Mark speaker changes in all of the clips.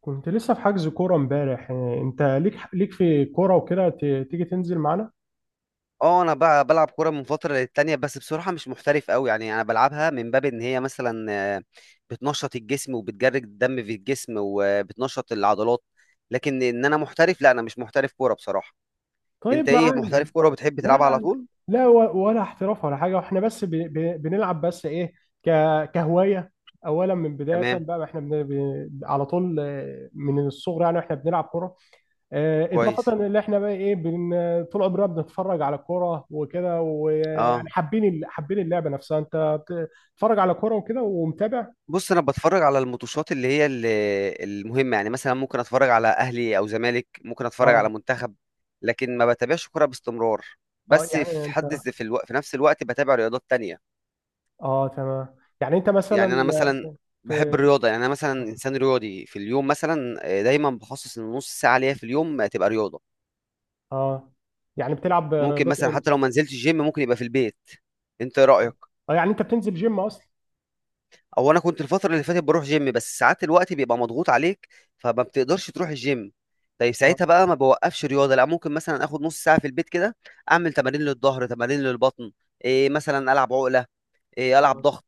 Speaker 1: كنت لسه في حجز كورة امبارح، انت ليك في كورة وكده تيجي تنزل معانا.
Speaker 2: اه، انا بقى بلعب كوره من فتره للتانيه، بس بصراحه مش محترف قوي. يعني انا بلعبها من باب ان هي مثلا بتنشط الجسم، وبتجرد الدم في الجسم، وبتنشط العضلات. لكن ان انا محترف، لا، انا مش محترف كوره بصراحه. انت
Speaker 1: طيب،
Speaker 2: ايه،
Speaker 1: معانا.
Speaker 2: محترف كوره وبتحب
Speaker 1: لا
Speaker 2: تلعبها على
Speaker 1: لا
Speaker 2: طول؟
Speaker 1: لا، ولا احتراف ولا حاجة، واحنا بس بنلعب، بس ايه، ك... كهواية. اولا من بداية
Speaker 2: تمام.
Speaker 1: بقى احنا على طول، من الصغر يعني احنا بنلعب كورة. اضافة
Speaker 2: كويس.
Speaker 1: ان احنا بقى ايه، طول عمرنا بنتفرج على الكورة وكده، ويعني
Speaker 2: اه.
Speaker 1: حابين حابين اللعبة نفسها. انت بتتفرج على كورة وكده ومتابع؟
Speaker 2: بص، انا بتفرج على الماتشات اللي هي المهمه. يعني مثلا ممكن اتفرج على اهلي او زمالك، ممكن اتفرج على
Speaker 1: اه،
Speaker 2: منتخب. لكن ما بتابعش كوره باستمرار.
Speaker 1: اه.
Speaker 2: بس
Speaker 1: يعني انت.
Speaker 2: في نفس الوقت بتابع رياضات تانية.
Speaker 1: اه، تمام. يعني انت مثلا.
Speaker 2: يعني انا مثلا بحب
Speaker 1: في.
Speaker 2: الرياضه. يعني انا مثلا انسان رياضي. في اليوم مثلا دايما بخصص ان نص ساعه ليا في اليوم تبقى رياضه.
Speaker 1: اه. يعني بتلعب
Speaker 2: ممكن
Speaker 1: رياضات
Speaker 2: مثلا،
Speaker 1: ايه
Speaker 2: حتى
Speaker 1: مثلا؟
Speaker 2: لو ما نزلتش الجيم، ممكن يبقى في البيت. انت ايه
Speaker 1: اه.
Speaker 2: رايك؟
Speaker 1: يعني انت بتنزل جيم اصلا؟
Speaker 2: او انا كنت الفتره اللي فاتت بروح جيم، بس ساعات الوقت بيبقى مضغوط عليك، فما بتقدرش تروح الجيم. طيب
Speaker 1: اه،
Speaker 2: ساعتها بقى ما بوقفش رياضه، لا ممكن مثلا اخد نص ساعه في البيت كده. اعمل تمارين للظهر، تمارين للبطن. إيه، مثلا العب عقله. إيه، العب
Speaker 1: اه،
Speaker 2: ضغط.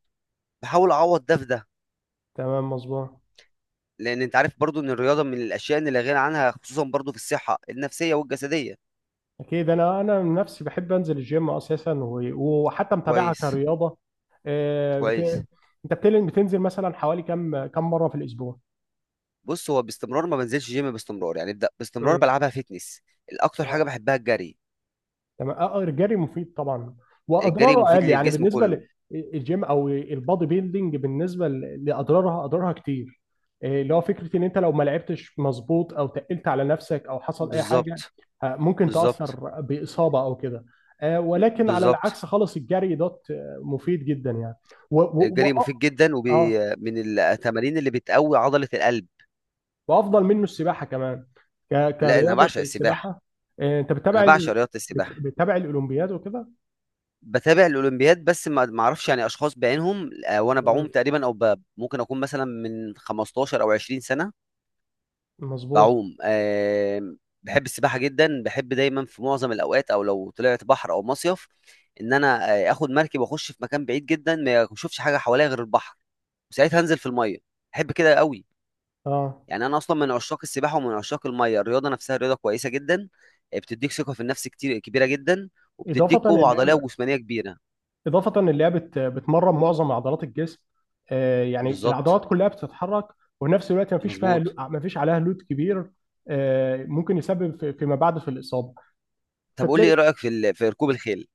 Speaker 2: بحاول اعوض ده في ده.
Speaker 1: تمام، مظبوط.
Speaker 2: لان انت عارف برضو ان الرياضه من الاشياء اللي لا غنى عنها، خصوصا برضو في الصحه النفسيه والجسديه.
Speaker 1: اكيد انا من نفسي بحب انزل الجيم اساسا، وحتى متابعها
Speaker 2: كويس.
Speaker 1: كرياضه.
Speaker 2: كويس.
Speaker 1: انت بتنزل مثلا حوالي كم مره في الاسبوع؟
Speaker 2: بص، هو باستمرار ما بنزلش جيم باستمرار، يعني ابدا. باستمرار بلعبها فيتنس. الاكتر
Speaker 1: امم
Speaker 2: حاجه بحبها الجري.
Speaker 1: تمام. اه. الجري مفيد طبعا،
Speaker 2: الجري
Speaker 1: واضراره
Speaker 2: مفيد
Speaker 1: اقل يعني
Speaker 2: للجسم
Speaker 1: بالنسبه
Speaker 2: كله.
Speaker 1: للجيم او البادي بيلدينج. بالنسبه لاضرارها كتير. اللي هو فكره ان انت لو ما لعبتش مظبوط او تقلت على نفسك او حصل اي حاجه،
Speaker 2: بالظبط.
Speaker 1: ممكن
Speaker 2: بالظبط.
Speaker 1: تاثر باصابه او كده. ولكن على
Speaker 2: بالظبط.
Speaker 1: العكس خالص، الجري دوت مفيد جدا يعني. و و و
Speaker 2: الجري
Speaker 1: اه.
Speaker 2: مفيد جدا، وبي
Speaker 1: آه،
Speaker 2: من التمارين اللي بتقوي عضله القلب.
Speaker 1: وافضل منه السباحه كمان.
Speaker 2: لا، انا
Speaker 1: كرياضه
Speaker 2: بعشق السباحه.
Speaker 1: السباحه. انت
Speaker 2: انا بعشق رياضه السباحه.
Speaker 1: بتتابع الاولمبياد وكده؟
Speaker 2: بتابع الاولمبياد، بس ما اعرفش يعني اشخاص بعينهم. وانا بعوم
Speaker 1: مم،
Speaker 2: تقريبا، او ممكن اكون مثلا من 15 او 20 سنه
Speaker 1: مظبوط.
Speaker 2: بعوم. بحب السباحه جدا. بحب دايما في معظم الاوقات، او لو طلعت بحر او مصيف، ان انا اخد مركب واخش في مكان بعيد جدا ما اشوفش حاجه حواليا غير البحر، وساعتها انزل في الميه. بحب كده قوي.
Speaker 1: اه.
Speaker 2: يعني انا اصلا من عشاق السباحه ومن عشاق الميه. الرياضه نفسها رياضه كويسه جدا. بتديك ثقه في النفس كتير كبيره جدا، وبتديك
Speaker 1: اضافه
Speaker 2: قوه عضليه
Speaker 1: اللعبه
Speaker 2: وجسمانيه كبيره.
Speaker 1: اضافه اللعبه بتمرن معظم عضلات الجسم. يعني
Speaker 2: بالظبط.
Speaker 1: العضلات كلها بتتحرك. وفي نفس الوقت
Speaker 2: مظبوط.
Speaker 1: ما فيش عليها لود كبير. ممكن يسبب فيما بعد في الاصابه.
Speaker 2: طب قول لي،
Speaker 1: فتلاقي.
Speaker 2: ايه رايك في في ركوب الخيل؟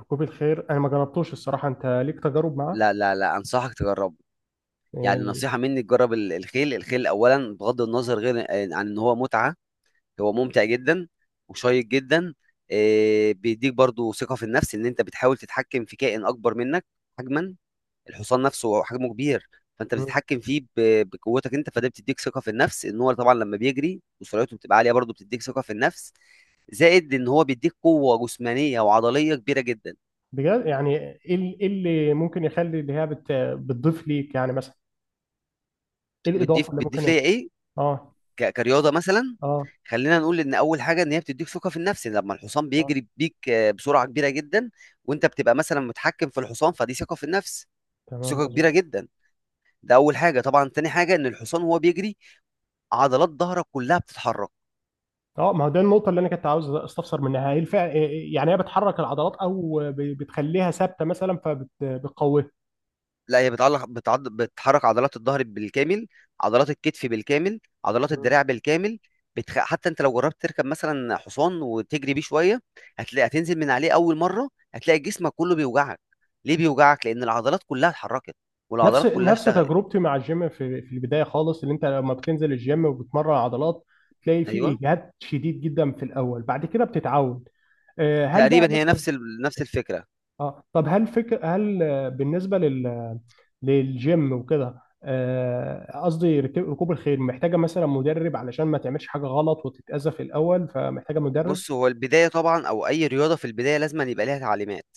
Speaker 1: ركوب الخيل انا ما جربتوش الصراحه. انت ليك تجارب معاه؟
Speaker 2: لا لا لا، انصحك تجربه. يعني
Speaker 1: آه.
Speaker 2: نصيحه مني، تجرب الخيل اولا، بغض النظر غير عن ان هو متعه. هو ممتع جدا، وشيق جدا. إيه، بيديك برضو ثقه في النفس ان انت بتحاول تتحكم في كائن اكبر منك حجما. الحصان نفسه هو حجمه كبير، فانت
Speaker 1: مم.
Speaker 2: بتتحكم فيه بقوتك انت. فده بتديك ثقه في النفس. ان هو طبعا لما بيجري وسرعته بتبقى عاليه، برضو بتديك ثقه في النفس. زائد ان هو بيديك قوه جسمانيه وعضليه كبيره جدا.
Speaker 1: بجد، يعني ايه إيه اللي ممكن يخلي اللي هي بتضيف ليك، يعني مثلا ايه الاضافه
Speaker 2: بتضيف
Speaker 1: اللي ممكن
Speaker 2: بتضيف ليا ايه؟
Speaker 1: اه،
Speaker 2: كرياضه مثلا.
Speaker 1: اه،
Speaker 2: خلينا نقول ان اول حاجه ان هي بتديك ثقه في النفس لما الحصان
Speaker 1: اه،
Speaker 2: بيجري بيك بسرعه كبيره جدا، وانت بتبقى مثلا متحكم في الحصان، فدي ثقه في النفس.
Speaker 1: تمام،
Speaker 2: ثقه كبيره
Speaker 1: مظبوط.
Speaker 2: جدا. ده اول حاجه. طبعا تاني حاجه، ان الحصان وهو بيجري، عضلات ظهرك كلها بتتحرك.
Speaker 1: اه. ما هو ده النقطة اللي أنا كنت عاوز أستفسر منها. يعني هي بتحرك العضلات، أو بتخليها ثابتة مثلا فبتقويها؟
Speaker 2: لا، هي بتحرك عضلات الظهر بالكامل، عضلات الكتف بالكامل، عضلات
Speaker 1: مم.
Speaker 2: الدراع بالكامل. حتى انت لو جربت تركب مثلا حصان وتجري بيه شويه، هتلاقي هتنزل من عليه اول مره هتلاقي جسمك كله بيوجعك. ليه بيوجعك؟ لان العضلات كلها اتحركت،
Speaker 1: نفس
Speaker 2: والعضلات كلها
Speaker 1: نفس
Speaker 2: اشتغلت.
Speaker 1: تجربتي مع الجيم في البدايه خالص. اللي انت لما بتنزل الجيم وبتمرن عضلات تلاقي في
Speaker 2: ايوه.
Speaker 1: اجهاد شديد جدا في الاول، بعد كده بتتعود. هل بقى
Speaker 2: تقريبا هي
Speaker 1: مثلا.
Speaker 2: نفس الفكره.
Speaker 1: اه. طب هل فكر هل آه، بالنسبه للجيم وكده، قصدي ركوب الخيل محتاجه مثلا مدرب علشان ما تعملش حاجه غلط وتتاذى في الاول، فمحتاجه مدرب؟
Speaker 2: بص، هو البدايه طبعا، او اي رياضه في البدايه، لازم أن يبقى ليها تعليمات.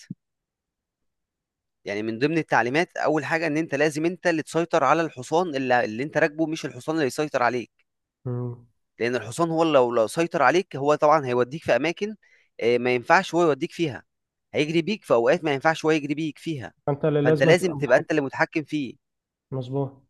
Speaker 2: يعني من ضمن التعليمات، اول حاجه ان انت لازم انت اللي تسيطر على الحصان اللي انت راكبه، مش الحصان اللي يسيطر عليك.
Speaker 1: مم.
Speaker 2: لان الحصان هو لو سيطر عليك، هو طبعا هيوديك في اماكن ما ينفعش هو يوديك فيها، هيجري بيك في اوقات ما ينفعش هو يجري بيك فيها.
Speaker 1: فانت
Speaker 2: فانت
Speaker 1: لازم
Speaker 2: لازم
Speaker 1: تبقى
Speaker 2: تبقى
Speaker 1: متحكم.
Speaker 2: انت اللي متحكم فيه.
Speaker 1: مظبوط.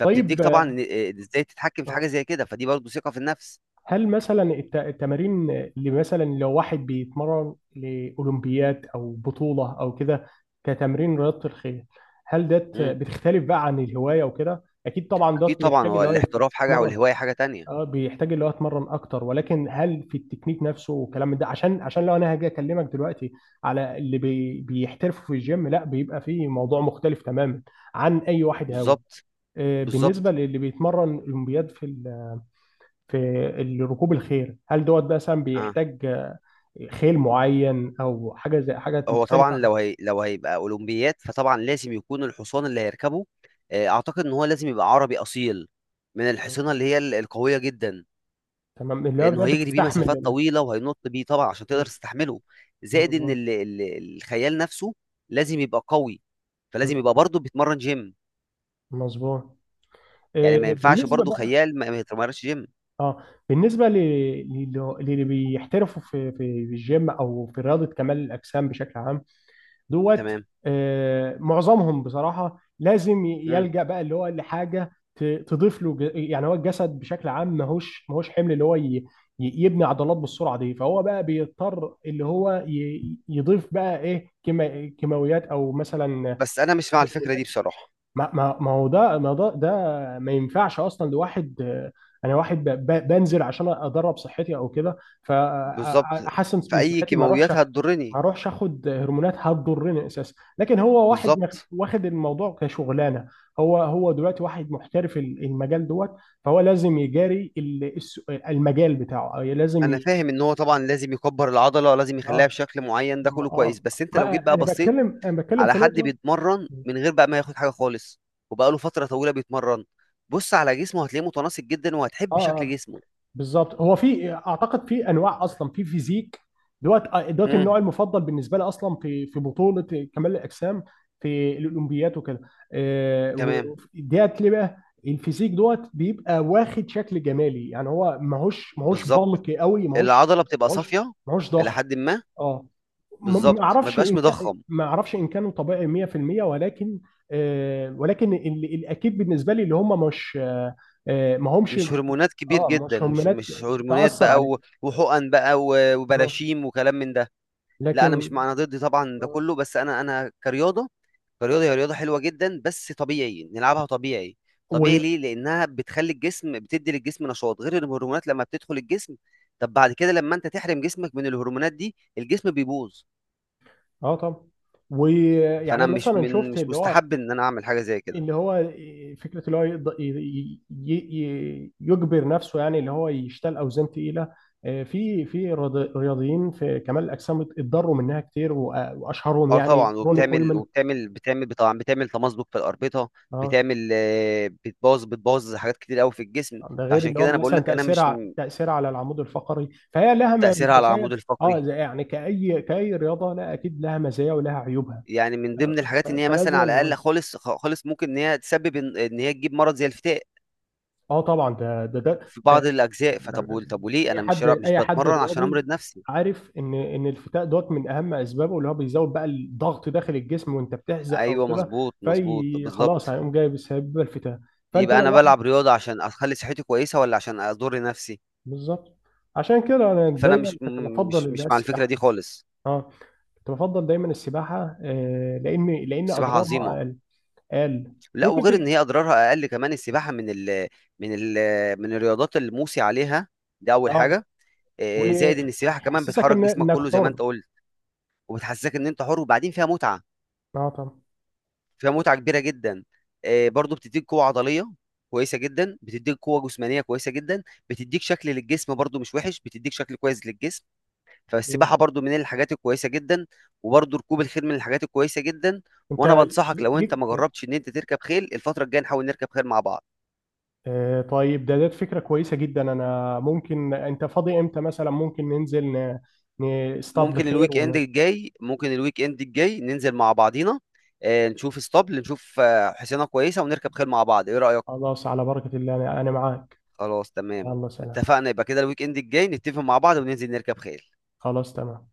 Speaker 1: طيب.
Speaker 2: طبعا ازاي تتحكم في حاجه
Speaker 1: آه،
Speaker 2: زي كده، فدي برضه ثقه في النفس.
Speaker 1: هل مثلا التمارين اللي مثلا لو واحد بيتمرن لاولمبيات او بطوله او كده، كتمرين رياضه الخيل، هل ده
Speaker 2: امم.
Speaker 1: بتختلف بقى عن الهوايه وكده؟ اكيد طبعا، ده
Speaker 2: اكيد طبعا،
Speaker 1: بيحتاج
Speaker 2: هو
Speaker 1: اللي هو
Speaker 2: الاحتراف حاجه
Speaker 1: يتمرن.
Speaker 2: والهوايه حاجه تانية.
Speaker 1: اه، بيحتاج اللي هو يتمرن اكتر، ولكن هل في التكنيك نفسه والكلام ده؟ عشان لو انا هاجي اكلمك دلوقتي على اللي بيحترفوا في الجيم، لا بيبقى فيه موضوع مختلف تماما عن اي واحد هاوي.
Speaker 2: بالظبط.
Speaker 1: بالنسبة
Speaker 2: بالظبط.
Speaker 1: للي بيتمرن أولمبياد في ركوب الخيل، هل دوت بقى مثلا
Speaker 2: اه،
Speaker 1: بيحتاج خيل معين، أو حاجة زي حاجة
Speaker 2: هو طبعا
Speaker 1: مختلفة عن.
Speaker 2: لو هيبقى اولمبيات، فطبعا لازم يكون الحصان اللي هيركبه، اعتقد ان هو لازم يبقى عربي اصيل، من
Speaker 1: مم.
Speaker 2: الحصينه اللي هي القويه جدا.
Speaker 1: تمام، اللي هو ده
Speaker 2: لانه هيجري بيه
Speaker 1: بتستحمل
Speaker 2: مسافات طويله، وهينط بيه طبعا، عشان
Speaker 1: مم.
Speaker 2: تقدر تستحمله. زائد ان
Speaker 1: مظبوط.
Speaker 2: ال ال الخيال نفسه لازم يبقى قوي،
Speaker 1: مم.
Speaker 2: فلازم يبقى برضه بيتمرن جيم.
Speaker 1: مظبوط.
Speaker 2: يعني ما ينفعش
Speaker 1: بالنسبة
Speaker 2: برضه
Speaker 1: بقى.
Speaker 2: خيال ما يتمرنش جيم.
Speaker 1: اه، بالنسبة للي بيحترفوا في الجيم أو في رياضة كمال الأجسام بشكل عام دوت.
Speaker 2: تمام.
Speaker 1: معظمهم بصراحة لازم
Speaker 2: مم.
Speaker 1: يلجأ بقى اللي هو لحاجة تضيف له يعني. هو الجسد بشكل عام ماهوش حمل اللي هو يبني عضلات بالسرعة دي، فهو بقى بيضطر اللي هو يضيف بقى ايه، كيماويات او مثلا.
Speaker 2: بس انا مش مع الفكره دي بصراحه.
Speaker 1: ما هو ده، ما ده. ما ينفعش اصلا لواحد، انا واحد بنزل عشان ادرب صحتي او كده،
Speaker 2: بالظبط.
Speaker 1: فاحسن من
Speaker 2: فاي
Speaker 1: صحتي ما اروحش.
Speaker 2: كيماويات
Speaker 1: ما
Speaker 2: هتضرني.
Speaker 1: اروحش اخد هرمونات هتضرني اساسا. لكن هو واحد
Speaker 2: بالظبط.
Speaker 1: واخد الموضوع كشغلانه. هو دلوقتي واحد محترف المجال دوت، فهو لازم يجاري المجال بتاعه، أو لازم
Speaker 2: انا فاهم ان هو طبعا لازم يكبر العضله، لازم يخليها
Speaker 1: اه.
Speaker 2: بشكل معين، ده كله
Speaker 1: اه.
Speaker 2: كويس، بس انت لو جيت
Speaker 1: ما
Speaker 2: بقى بصيت
Speaker 1: انا بتكلم
Speaker 2: على
Speaker 1: في
Speaker 2: حد
Speaker 1: نقطه.
Speaker 2: بيتمرن من غير بقى ما ياخد حاجه خالص، وبقاله فتره طويله بيتمرن، بص على جسمه، هتلاقيه متناسق جدا
Speaker 1: اه.
Speaker 2: وهتحب شكل جسمه.
Speaker 1: بالظبط، هو في اعتقد في انواع اصلا، في فيزيك دوت. دوت
Speaker 2: امم.
Speaker 1: النوع المفضل بالنسبه لي اصلا في بطوله كمال الاجسام في الاولمبيات وكده.
Speaker 2: تمام.
Speaker 1: ديت ليه بقى الفيزيك دوت بيبقى واخد شكل جمالي، يعني هو ماهوش
Speaker 2: بالظبط.
Speaker 1: بلقي قوي، ماهوش.
Speaker 2: العضله بتبقى
Speaker 1: ماهوش
Speaker 2: صافيه
Speaker 1: ماهوش
Speaker 2: الى
Speaker 1: ضخم.
Speaker 2: حد ما.
Speaker 1: اه. ما
Speaker 2: بالظبط، ما
Speaker 1: اعرفش
Speaker 2: بيبقاش
Speaker 1: ان كان،
Speaker 2: مضخم.
Speaker 1: ما اعرفش ان كانوا طبيعي 100%، ولكن. ولكن الاكيد بالنسبه لي اللي هم مش، ما همش.
Speaker 2: مش هرمونات كبير
Speaker 1: اه،
Speaker 2: جدا،
Speaker 1: مش
Speaker 2: مش
Speaker 1: هرمونات
Speaker 2: مش هرمونات
Speaker 1: تأثر
Speaker 2: بقى
Speaker 1: عليه.
Speaker 2: وحقن بقى
Speaker 1: آه.
Speaker 2: وبراشيم وكلام من ده. لا، انا مش
Speaker 1: لكن.
Speaker 2: مع، انا ضد طبعا ده
Speaker 1: آه.
Speaker 2: كله، بس انا كرياضه. كرياضة هي رياضة حلوة جدا، بس طبيعي نلعبها طبيعي. طبيعي
Speaker 1: و
Speaker 2: ليه؟ لأنها بتخلي الجسم، بتدي للجسم نشاط، غير الهرمونات لما بتدخل الجسم. طب بعد كده لما أنت تحرم جسمك من الهرمونات دي، الجسم بيبوظ.
Speaker 1: اه طبعا. ويعني
Speaker 2: فأنا مش
Speaker 1: مثلا
Speaker 2: من
Speaker 1: شفت
Speaker 2: مش
Speaker 1: اللي هو.
Speaker 2: مستحب إن أنا أعمل حاجة زي كده.
Speaker 1: اللي هو فكره اللي هو يقدر يجبر نفسه، يعني اللي هو يشتغل اوزان تقيله. في رياضيين في كمال الاجسام اتضروا منها كتير، واشهرهم
Speaker 2: أه
Speaker 1: يعني
Speaker 2: طبعا،
Speaker 1: روني
Speaker 2: وبتعمل
Speaker 1: كولمان.
Speaker 2: وبتعمل بتعمل طبعا بتعمل تمزق في الأربطة.
Speaker 1: اه.
Speaker 2: بتعمل بتبوظ حاجات كتير قوي في الجسم.
Speaker 1: ده غير
Speaker 2: فعشان
Speaker 1: اللي هو
Speaker 2: كده أنا بقول
Speaker 1: مثلا
Speaker 2: لك، أنا مش
Speaker 1: تاثيرها
Speaker 2: م-
Speaker 1: تاثيرها على العمود الفقري، فهي لها
Speaker 2: تأثيرها على
Speaker 1: مزايا.
Speaker 2: العمود
Speaker 1: اه،
Speaker 2: الفقري.
Speaker 1: زي يعني كاي رياضه، لا، اكيد لها مزايا ولها عيوبها،
Speaker 2: يعني من ضمن الحاجات ان هي مثلا
Speaker 1: فلازم
Speaker 2: على الاقل
Speaker 1: نوازن.
Speaker 2: خالص، خالص ممكن ان هي تسبب إن هي تجيب مرض زي الفتاق
Speaker 1: اه، طبعا، ده.
Speaker 2: في
Speaker 1: آه،
Speaker 2: بعض الاجزاء. فطب طب وليه
Speaker 1: اي
Speaker 2: انا
Speaker 1: حد
Speaker 2: مش
Speaker 1: اي حد
Speaker 2: بتمرن عشان
Speaker 1: رياضي
Speaker 2: امرض نفسي؟
Speaker 1: عارف ان الفتاء دوت من اهم اسبابه اللي هو بيزود بقى الضغط داخل الجسم وانت بتحزق او
Speaker 2: ايوه،
Speaker 1: كده.
Speaker 2: مظبوط. مظبوط.
Speaker 1: في خلاص
Speaker 2: بالظبط.
Speaker 1: هيقوم جايب بسبب الفتاء. فانت
Speaker 2: يبقى
Speaker 1: لو
Speaker 2: انا
Speaker 1: واحد.
Speaker 2: بلعب رياضه عشان اخلي صحتي كويسه ولا عشان اضر نفسي؟
Speaker 1: بالظبط. عشان كده انا
Speaker 2: فانا
Speaker 1: دايما
Speaker 2: مش م-
Speaker 1: كنت بفضل
Speaker 2: مش
Speaker 1: اللي هي
Speaker 2: مش مع الفكره
Speaker 1: السباحه.
Speaker 2: دي خالص.
Speaker 1: اه. كنت بفضل دايما السباحه، لان
Speaker 2: السباحه
Speaker 1: اضرارها
Speaker 2: عظيمه.
Speaker 1: اقل.
Speaker 2: لا،
Speaker 1: ممكن ت...
Speaker 2: وغير ان هي اضرارها اقل، كمان السباحه من ال من ال من الرياضات اللي موصي عليها. دي اول
Speaker 1: اه،
Speaker 2: حاجه. إيه، زائد ان السباحه كمان
Speaker 1: وتحسسك
Speaker 2: بتحرك
Speaker 1: ان
Speaker 2: جسمك
Speaker 1: انك
Speaker 2: كله زي ما
Speaker 1: حر.
Speaker 2: انت قلت، وبتحسسك ان انت حر، وبعدين فيها متعه.
Speaker 1: اه، طبعا.
Speaker 2: فيها متعه كبيره جدا. برضو بتديك قوه عضليه كويسه جدا، بتديك قوه جسمانيه كويسه جدا، بتديك شكل للجسم برضو مش وحش، بتديك شكل كويس للجسم. فالسباحه برضو من الحاجات الكويسه جدا، وبرضو ركوب الخيل من الحاجات الكويسه جدا. وانا
Speaker 1: انت
Speaker 2: بنصحك لو انت
Speaker 1: ليك.
Speaker 2: ما جربتش، ان انت تركب خيل الفتره الجايه نحاول نركب خيل مع بعض.
Speaker 1: طيب، ده فكرة كويسة جدا. انا ممكن انت فاضي امتى مثلا؟ ممكن ننزل نصطاد
Speaker 2: ممكن
Speaker 1: بخير
Speaker 2: الويك اند الجاي ممكن الويك اند الجاي ننزل مع بعضينا، نشوف اسطبل، نشوف حصينه كويسه، ونركب خيل مع بعض. ايه رايك؟
Speaker 1: خلاص، على بركة الله. انا معاك.
Speaker 2: خلاص، تمام.
Speaker 1: الله. سلام.
Speaker 2: اتفقنا. يبقى كده الويك اند الجاي نتفق مع بعض وننزل نركب خيل.
Speaker 1: خلاص، تمام.